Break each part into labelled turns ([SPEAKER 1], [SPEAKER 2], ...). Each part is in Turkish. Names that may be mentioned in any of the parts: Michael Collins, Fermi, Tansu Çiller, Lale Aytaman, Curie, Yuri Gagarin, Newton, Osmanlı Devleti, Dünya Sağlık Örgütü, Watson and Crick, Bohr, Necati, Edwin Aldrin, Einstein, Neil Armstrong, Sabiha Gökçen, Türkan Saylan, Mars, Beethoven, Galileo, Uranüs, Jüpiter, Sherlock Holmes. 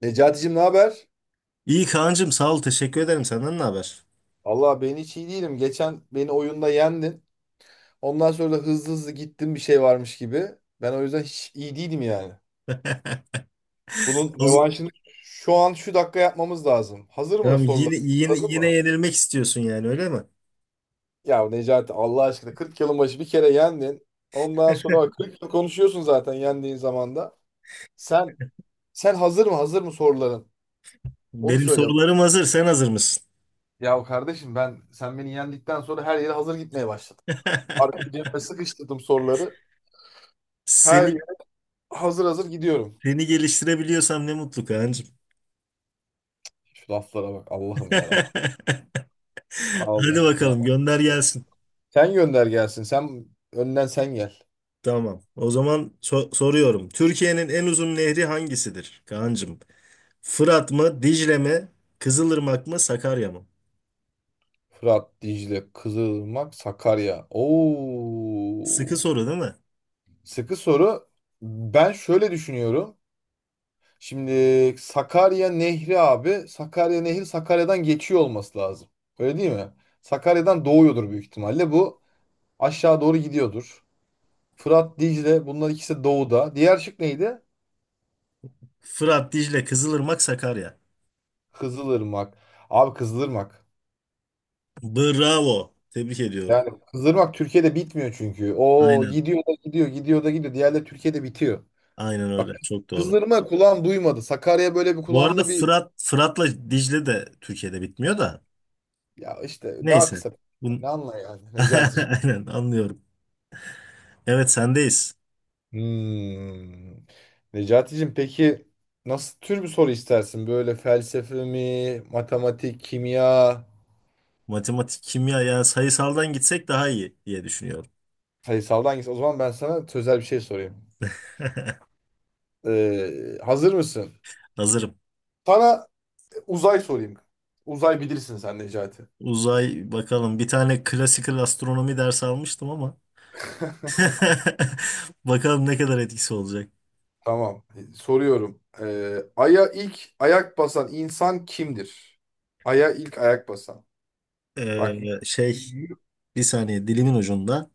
[SPEAKER 1] Necati'cim ne haber?
[SPEAKER 2] İyi Kaan'cığım sağ ol teşekkür ederim. Senden ne haber?
[SPEAKER 1] Allah ben hiç iyi değilim. Geçen beni oyunda yendin. Ondan sonra da hızlı hızlı gittin bir şey varmış gibi. Ben o yüzden hiç iyi değilim yani. Bunun
[SPEAKER 2] O z-
[SPEAKER 1] revanşını şu an şu dakika yapmamız lazım. Hazır mı
[SPEAKER 2] Tamam,
[SPEAKER 1] sorular?
[SPEAKER 2] yine, yine,
[SPEAKER 1] Anladın
[SPEAKER 2] yine
[SPEAKER 1] mı?
[SPEAKER 2] yenilmek istiyorsun yani öyle mi?
[SPEAKER 1] Ya Necati Allah aşkına 40 yılın başı bir kere yendin. Ondan sonra bak 40 yıl konuşuyorsun zaten yendiğin zamanda. Sen sen hazır mı? Hazır mı soruların? Onu
[SPEAKER 2] Benim
[SPEAKER 1] söyle.
[SPEAKER 2] sorularım hazır, sen hazır mısın?
[SPEAKER 1] Ya kardeşim ben sen beni yendikten sonra her yere hazır gitmeye başladım. Arka cebime sıkıştırdım soruları. Her
[SPEAKER 2] Seni
[SPEAKER 1] Hazır hazır gidiyorum.
[SPEAKER 2] seni geliştirebiliyorsam ne mutlu Kaan'cığım.
[SPEAKER 1] Şu laflara bak. Allah'ım ya Rabbim.
[SPEAKER 2] Hadi
[SPEAKER 1] Allah'ım ya.
[SPEAKER 2] bakalım gönder gelsin.
[SPEAKER 1] Sen gönder gelsin. Sen önden sen gel.
[SPEAKER 2] Tamam. O zaman soruyorum. Türkiye'nin en uzun nehri hangisidir Kaan'cığım? Fırat mı, Dicle mi, Kızılırmak mı, Sakarya mı?
[SPEAKER 1] Fırat, Dicle, Kızılırmak, Sakarya.
[SPEAKER 2] Sıkı
[SPEAKER 1] Oo.
[SPEAKER 2] soru değil mi?
[SPEAKER 1] Sıkı soru. Ben şöyle düşünüyorum. Şimdi Sakarya Nehri abi. Sakarya Nehri Sakarya'dan geçiyor olması lazım. Öyle değil mi? Sakarya'dan doğuyordur büyük ihtimalle. Bu aşağı doğru gidiyordur. Fırat, Dicle bunlar ikisi doğuda. Diğer şık neydi?
[SPEAKER 2] Fırat, Dicle, Kızılırmak, Sakarya.
[SPEAKER 1] Kızılırmak. Abi Kızılırmak.
[SPEAKER 2] Bravo. Tebrik ediyorum.
[SPEAKER 1] Yani kızdırmak Türkiye'de bitmiyor çünkü. O
[SPEAKER 2] Aynen.
[SPEAKER 1] gidiyor da gidiyor, gidiyor da gidiyor. Diğerleri Türkiye'de bitiyor.
[SPEAKER 2] Aynen
[SPEAKER 1] Bak
[SPEAKER 2] öyle. Çok doğru.
[SPEAKER 1] kızdırma kulağım duymadı. Sakarya böyle bir
[SPEAKER 2] Bu arada
[SPEAKER 1] kulağımda bir
[SPEAKER 2] Fırat'la Dicle de Türkiye'de bitmiyor da.
[SPEAKER 1] ya işte daha
[SPEAKER 2] Neyse.
[SPEAKER 1] kısa.
[SPEAKER 2] Bun...
[SPEAKER 1] Ne anla yani Necati'cim.
[SPEAKER 2] Aynen anlıyorum. Evet sendeyiz.
[SPEAKER 1] Hmm. Necati'cim peki nasıl tür bir soru istersin? Böyle felsefe mi, matematik, kimya,
[SPEAKER 2] Matematik, kimya, yani sayısaldan gitsek daha iyi diye düşünüyorum.
[SPEAKER 1] sayısaldan hangisi? O zaman ben sana sözel bir şey sorayım. Hazır mısın?
[SPEAKER 2] Hazırım.
[SPEAKER 1] Sana uzay sorayım. Uzay bilirsin sen Necati.
[SPEAKER 2] Uzay bakalım. Bir tane klasikal astronomi dersi almıştım ama. Bakalım ne kadar etkisi olacak.
[SPEAKER 1] Tamam. Soruyorum. Ay'a ilk ayak basan insan kimdir? Ay'a ilk ayak basan.
[SPEAKER 2] Ee,
[SPEAKER 1] Bak
[SPEAKER 2] şey, bir saniye dilimin ucunda.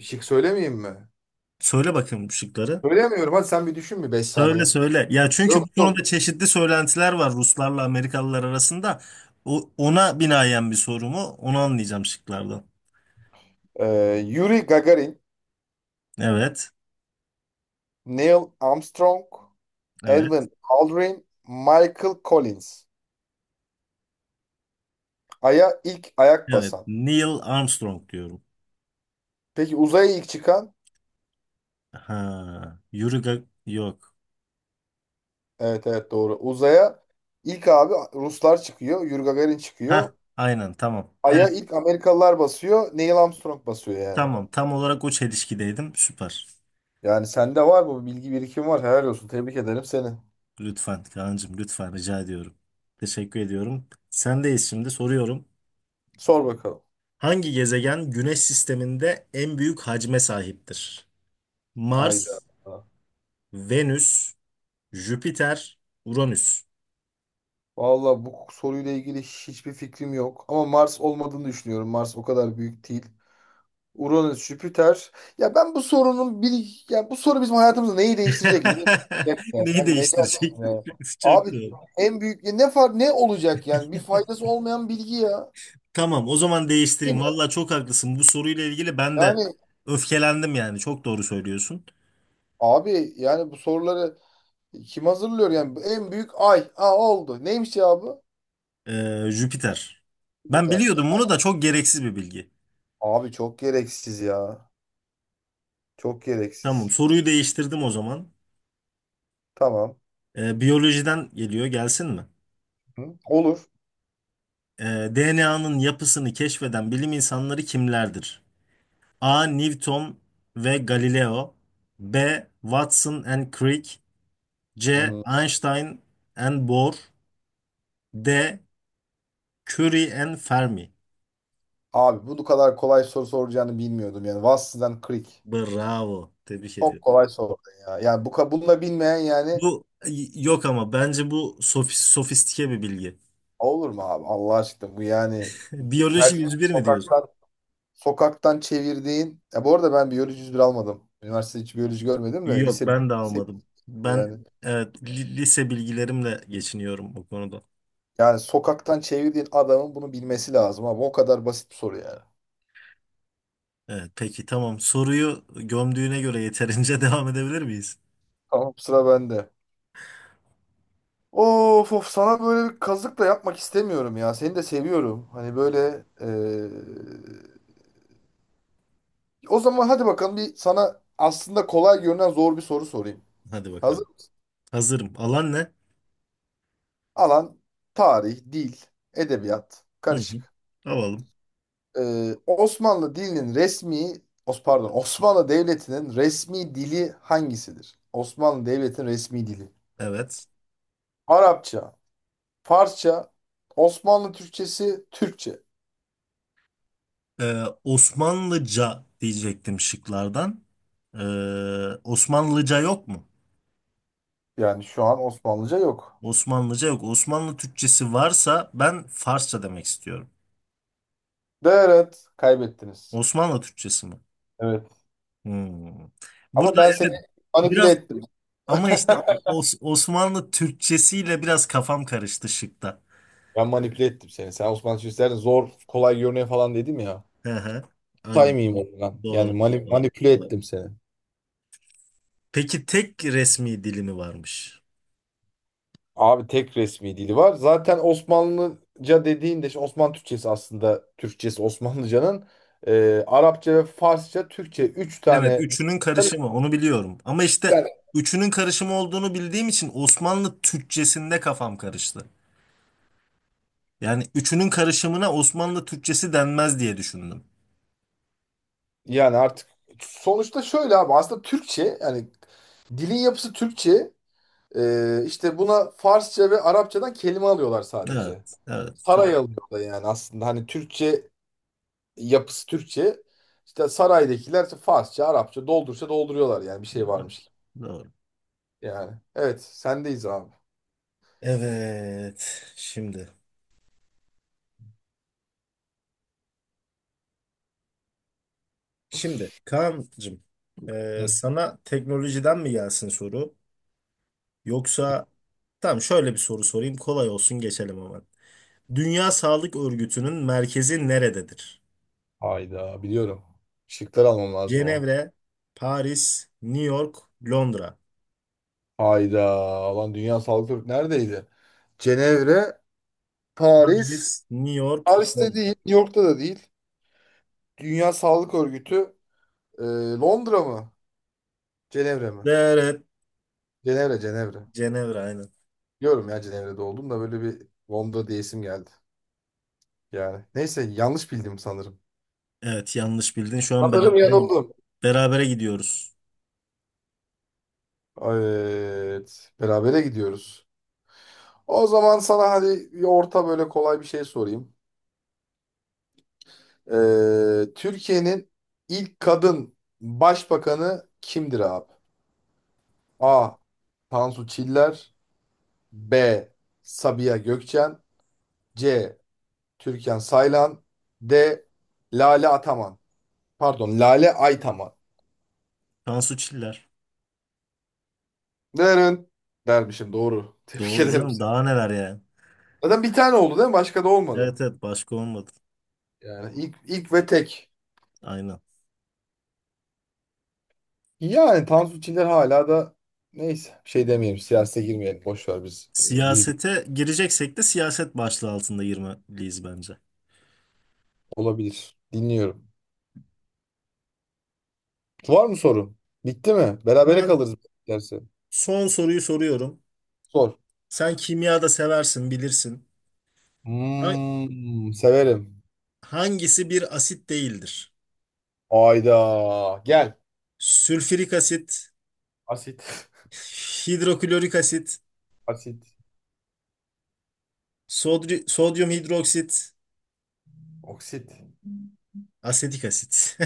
[SPEAKER 1] şık söylemeyeyim mi?
[SPEAKER 2] Söyle bakayım şıkları.
[SPEAKER 1] Söylemiyorum. Hadi sen bir düşün bir 5
[SPEAKER 2] Söyle
[SPEAKER 1] saniye.
[SPEAKER 2] söyle. Ya çünkü bu
[SPEAKER 1] Yok
[SPEAKER 2] konuda
[SPEAKER 1] yok.
[SPEAKER 2] çeşitli söylentiler var Ruslarla Amerikalılar arasında. O, ona binaen bir soru mu? Onu anlayacağım şıklardan.
[SPEAKER 1] Yuri Gagarin,
[SPEAKER 2] Evet.
[SPEAKER 1] Neil Armstrong,
[SPEAKER 2] Evet.
[SPEAKER 1] Edwin Aldrin, Michael Collins. Ay'a ilk ayak
[SPEAKER 2] Evet.
[SPEAKER 1] basan.
[SPEAKER 2] Neil Armstrong diyorum.
[SPEAKER 1] Peki uzaya ilk çıkan?
[SPEAKER 2] Ha, yok.
[SPEAKER 1] Evet evet doğru. Uzaya ilk abi Ruslar çıkıyor. Yuri Gagarin
[SPEAKER 2] Ha,
[SPEAKER 1] çıkıyor.
[SPEAKER 2] aynen tamam.
[SPEAKER 1] Ay'a
[SPEAKER 2] Evet,
[SPEAKER 1] ilk Amerikalılar basıyor. Neil Armstrong basıyor yani.
[SPEAKER 2] tamam. Tam olarak o çelişkideydim. Süper.
[SPEAKER 1] Yani sende var mı? Bilgi birikim var. Helal olsun. Tebrik ederim seni.
[SPEAKER 2] Lütfen Kaan'cığım, lütfen rica ediyorum. Teşekkür ediyorum. Sendeyiz, şimdi soruyorum.
[SPEAKER 1] Sor bakalım.
[SPEAKER 2] Hangi gezegen Güneş sisteminde en büyük hacme sahiptir?
[SPEAKER 1] Hayda.
[SPEAKER 2] Mars, Venüs, Jüpiter, Uranüs.
[SPEAKER 1] Vallahi bu soruyla ilgili hiçbir fikrim yok. Ama Mars olmadığını düşünüyorum. Mars o kadar büyük değil. Uranüs, Jüpiter. Ya ben bu sorunun bir... Ya bu soru bizim hayatımızda neyi değiştirecek ki? Neyi değiştirecek? Yani,
[SPEAKER 2] Neyi
[SPEAKER 1] hani, Necati
[SPEAKER 2] değiştirecek?
[SPEAKER 1] ya. Abi
[SPEAKER 2] Çok doğru.
[SPEAKER 1] en büyük ya ne far ne olacak yani? Bir faydası olmayan bilgi ya.
[SPEAKER 2] Tamam, o zaman
[SPEAKER 1] Değil
[SPEAKER 2] değiştireyim.
[SPEAKER 1] mi?
[SPEAKER 2] Valla çok haklısın. Bu soruyla ilgili ben de
[SPEAKER 1] Yani
[SPEAKER 2] öfkelendim yani. Çok doğru söylüyorsun.
[SPEAKER 1] abi yani bu soruları kim hazırlıyor yani? En büyük ay. Ha oldu. Neymiş ya bu?
[SPEAKER 2] Jüpiter. Ben
[SPEAKER 1] Biter.
[SPEAKER 2] biliyordum bunu da, çok gereksiz bir bilgi.
[SPEAKER 1] Abi çok gereksiz ya. Çok
[SPEAKER 2] Tamam,
[SPEAKER 1] gereksiz.
[SPEAKER 2] soruyu değiştirdim o zaman.
[SPEAKER 1] Tamam.
[SPEAKER 2] Biyolojiden geliyor, gelsin mi?
[SPEAKER 1] Hı, olur.
[SPEAKER 2] DNA'nın yapısını keşfeden bilim insanları kimlerdir? A. Newton ve Galileo. B. Watson and Crick. C.
[SPEAKER 1] Hı.
[SPEAKER 2] Einstein and Bohr. D. Curie and Fermi.
[SPEAKER 1] Abi bu kadar kolay soru soracağını bilmiyordum yani. Vass'dan Creek.
[SPEAKER 2] Bravo. Tebrik
[SPEAKER 1] Çok
[SPEAKER 2] ediyorum.
[SPEAKER 1] kolay sordun ya. Yani bunu da bilmeyen yani
[SPEAKER 2] Bu yok, ama bence bu sofistike bir bilgi.
[SPEAKER 1] olur mu abi? Allah aşkına bu yani her
[SPEAKER 2] Biyoloji
[SPEAKER 1] şey
[SPEAKER 2] 101 mi diyorsun?
[SPEAKER 1] sokaktan sokaktan çevirdiğin. Ya bu arada ben biyoloji 101 almadım. Üniversitede hiç biyoloji görmedim de
[SPEAKER 2] Yok,
[SPEAKER 1] lise,
[SPEAKER 2] ben de
[SPEAKER 1] lise
[SPEAKER 2] almadım. Ben
[SPEAKER 1] yani.
[SPEAKER 2] evet, lise bilgilerimle geçiniyorum bu konuda.
[SPEAKER 1] Yani sokaktan çevirdiğin adamın bunu bilmesi lazım abi. O kadar basit bir soru yani.
[SPEAKER 2] Evet peki tamam. Soruyu gömdüğüne göre yeterince devam edebilir miyiz?
[SPEAKER 1] Tamam sıra bende. Of of sana böyle bir kazık da yapmak istemiyorum ya. Seni de seviyorum. Hani böyle o zaman hadi bakalım bir sana aslında kolay görünen zor bir soru sorayım.
[SPEAKER 2] Hadi bakalım.
[SPEAKER 1] Hazır mı?
[SPEAKER 2] Hazırım. Alan ne?
[SPEAKER 1] Alan tarih, dil, edebiyat
[SPEAKER 2] Hı hı.
[SPEAKER 1] karışık.
[SPEAKER 2] Alalım.
[SPEAKER 1] Osmanlı dilinin resmi pardon, Osmanlı Devleti'nin resmi dili hangisidir? Osmanlı Devleti'nin resmi dili.
[SPEAKER 2] Evet.
[SPEAKER 1] Arapça, Farsça, Osmanlı Türkçesi, Türkçe.
[SPEAKER 2] Osmanlıca diyecektim şıklardan. Ee, Osmanlıca yok mu?
[SPEAKER 1] Yani şu an Osmanlıca yok.
[SPEAKER 2] Osmanlıca yok. Osmanlı Türkçesi varsa ben Farsça demek istiyorum.
[SPEAKER 1] Evet, kaybettiniz.
[SPEAKER 2] Osmanlı Türkçesi mi?
[SPEAKER 1] Evet.
[SPEAKER 2] Hmm.
[SPEAKER 1] Ama
[SPEAKER 2] Burada
[SPEAKER 1] ben seni
[SPEAKER 2] evet
[SPEAKER 1] manipüle
[SPEAKER 2] biraz,
[SPEAKER 1] ettim.
[SPEAKER 2] ama işte Osmanlı Türkçesiyle biraz kafam karıştı şıkta.
[SPEAKER 1] Ben manipüle ettim seni. Sen Osmanlı Türkçesi'nden zor, kolay görünüyor falan dedim ya.
[SPEAKER 2] Hı hı. Aynen.
[SPEAKER 1] Saymayayım oradan. Yani
[SPEAKER 2] Doğru. Doğru.
[SPEAKER 1] manipüle ettim seni.
[SPEAKER 2] Peki tek resmi dili mi varmış?
[SPEAKER 1] Abi tek resmi dili var. Zaten Osmanlıca dediğinde işte Osmanlı Türkçesi aslında Türkçesi Osmanlıcanın Arapça ve Farsça, Türkçe üç
[SPEAKER 2] Evet,
[SPEAKER 1] tane
[SPEAKER 2] üçünün karışımı onu biliyorum. Ama işte
[SPEAKER 1] yani
[SPEAKER 2] üçünün karışımı olduğunu bildiğim için Osmanlı Türkçesinde kafam karıştı. Yani üçünün karışımına Osmanlı Türkçesi denmez diye düşündüm.
[SPEAKER 1] Yani. Artık sonuçta şöyle abi aslında Türkçe yani dilin yapısı Türkçe. İşte buna Farsça ve Arapçadan kelime alıyorlar sadece.
[SPEAKER 2] Evet, evet, doğru.
[SPEAKER 1] Saray alıyorlar yani aslında hani Türkçe yapısı Türkçe işte saraydakiler işte Farsça Arapça doldursa dolduruyorlar yani bir şey varmış gibi.
[SPEAKER 2] Doğru.
[SPEAKER 1] Yani evet sendeyiz abi.
[SPEAKER 2] Evet, şimdi. Şimdi Kaan'cığım,
[SPEAKER 1] Hı.
[SPEAKER 2] sana teknolojiden mi gelsin soru? Yoksa tamam, şöyle bir soru sorayım, kolay olsun geçelim hemen. Dünya Sağlık Örgütü'nün merkezi nerededir?
[SPEAKER 1] Hayda biliyorum. Şıklar almam lazım o.
[SPEAKER 2] Cenevre, Paris, New York, Londra.
[SPEAKER 1] Hayda lan Dünya Sağlık Örgütü neredeydi? Cenevre, Paris,
[SPEAKER 2] Paris, New York,
[SPEAKER 1] Paris'te değil,
[SPEAKER 2] Londra.
[SPEAKER 1] New York'ta da değil. Dünya Sağlık Örgütü e, Londra mı? Cenevre mi?
[SPEAKER 2] Evet, evet.
[SPEAKER 1] Cenevre, Cenevre.
[SPEAKER 2] Cenevre aynen.
[SPEAKER 1] Diyorum ya Cenevre'de oldum da böyle bir Londra diye isim geldi. Yani neyse yanlış bildim sanırım.
[SPEAKER 2] Evet yanlış bildin. Şu an
[SPEAKER 1] Sanırım
[SPEAKER 2] beraber
[SPEAKER 1] yanıldım.
[SPEAKER 2] berabere gidiyoruz.
[SPEAKER 1] Evet. Berabere gidiyoruz. O zaman sana hadi bir orta böyle kolay bir şey sorayım. Türkiye'nin ilk kadın başbakanı kimdir abi? A. Tansu Çiller. B. Sabiha Gökçen. C. Türkan Saylan. D. Lale Ataman. Pardon, Lale Aytaman.
[SPEAKER 2] Tansu Çiller.
[SPEAKER 1] Derin. Dermişim doğru. Tebrik
[SPEAKER 2] Doğru
[SPEAKER 1] ederim.
[SPEAKER 2] canım. Daha neler yani.
[SPEAKER 1] Zaten bir tane oldu değil mi? Başka da olmadı.
[SPEAKER 2] Evet evet, başka olmadı.
[SPEAKER 1] Yani ilk, ilk ve tek.
[SPEAKER 2] Aynen.
[SPEAKER 1] Yani Tansu Çiller hala da neyse bir şey demeyelim. Siyasete girmeyelim. Boş ver biz. Bir
[SPEAKER 2] Siyasete gireceksek de siyaset başlığı altında girmeliyiz bence.
[SPEAKER 1] olabilir. Dinliyorum. Var mı sorun? Bitti mi? Berabere
[SPEAKER 2] Hemen
[SPEAKER 1] kalırız derse.
[SPEAKER 2] son soruyu soruyorum.
[SPEAKER 1] Sor.
[SPEAKER 2] Sen kimya da seversin, bilirsin. Ha-
[SPEAKER 1] Hmm, severim.
[SPEAKER 2] Hangisi bir asit değildir?
[SPEAKER 1] Ayda. Gel.
[SPEAKER 2] Sülfürik asit,
[SPEAKER 1] Asit.
[SPEAKER 2] hidroklorik asit,
[SPEAKER 1] Asit.
[SPEAKER 2] sodyum hidroksit,
[SPEAKER 1] Oksit.
[SPEAKER 2] asetik asit.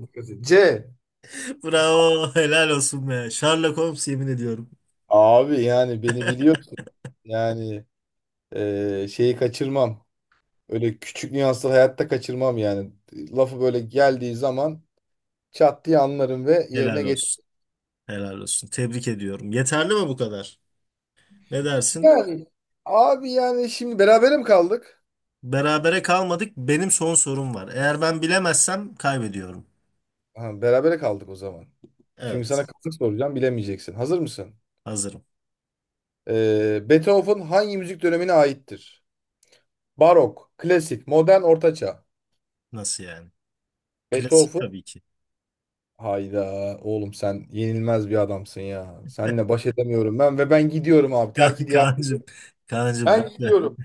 [SPEAKER 1] Dikkat edin. C.
[SPEAKER 2] Bravo, helal olsun be. Sherlock Holmes, yemin ediyorum.
[SPEAKER 1] Abi yani beni biliyorsun yani şeyi kaçırmam. Öyle küçük nüansları hayatta kaçırmam yani. Lafı böyle geldiği zaman çat diye anlarım ve yerine
[SPEAKER 2] Helal
[SPEAKER 1] getir.
[SPEAKER 2] olsun. Helal olsun. Tebrik ediyorum. Yeterli mi bu kadar? Ne dersin?
[SPEAKER 1] Yani abi yani şimdi berabere mi kaldık?
[SPEAKER 2] Berabere kalmadık. Benim son sorum var. Eğer ben bilemezsem kaybediyorum.
[SPEAKER 1] Ha, berabere kaldık o zaman. Çünkü sana
[SPEAKER 2] Evet.
[SPEAKER 1] kısa soracağım bilemeyeceksin. Hazır mısın?
[SPEAKER 2] Hazırım.
[SPEAKER 1] Beethoven hangi müzik dönemine aittir? Barok, klasik, modern, ortaçağ.
[SPEAKER 2] Nasıl yani? Klasik
[SPEAKER 1] Beethoven.
[SPEAKER 2] tabii ki.
[SPEAKER 1] Hayda oğlum sen yenilmez bir adamsın ya. Seninle baş edemiyorum ben ve ben gidiyorum abi. Terk ediyorum.
[SPEAKER 2] Kaan'cığım, Kaan'cığım
[SPEAKER 1] Ben
[SPEAKER 2] lütfen.
[SPEAKER 1] gidiyorum.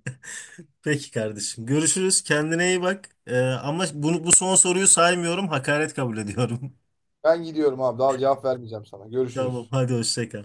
[SPEAKER 2] Peki kardeşim. Görüşürüz. Kendine iyi bak. Ama bunu, bu son soruyu saymıyorum. Hakaret kabul ediyorum.
[SPEAKER 1] Ben gidiyorum abi. Daha cevap vermeyeceğim sana.
[SPEAKER 2] Tamam,
[SPEAKER 1] Görüşürüz.
[SPEAKER 2] hadi hoşça kal.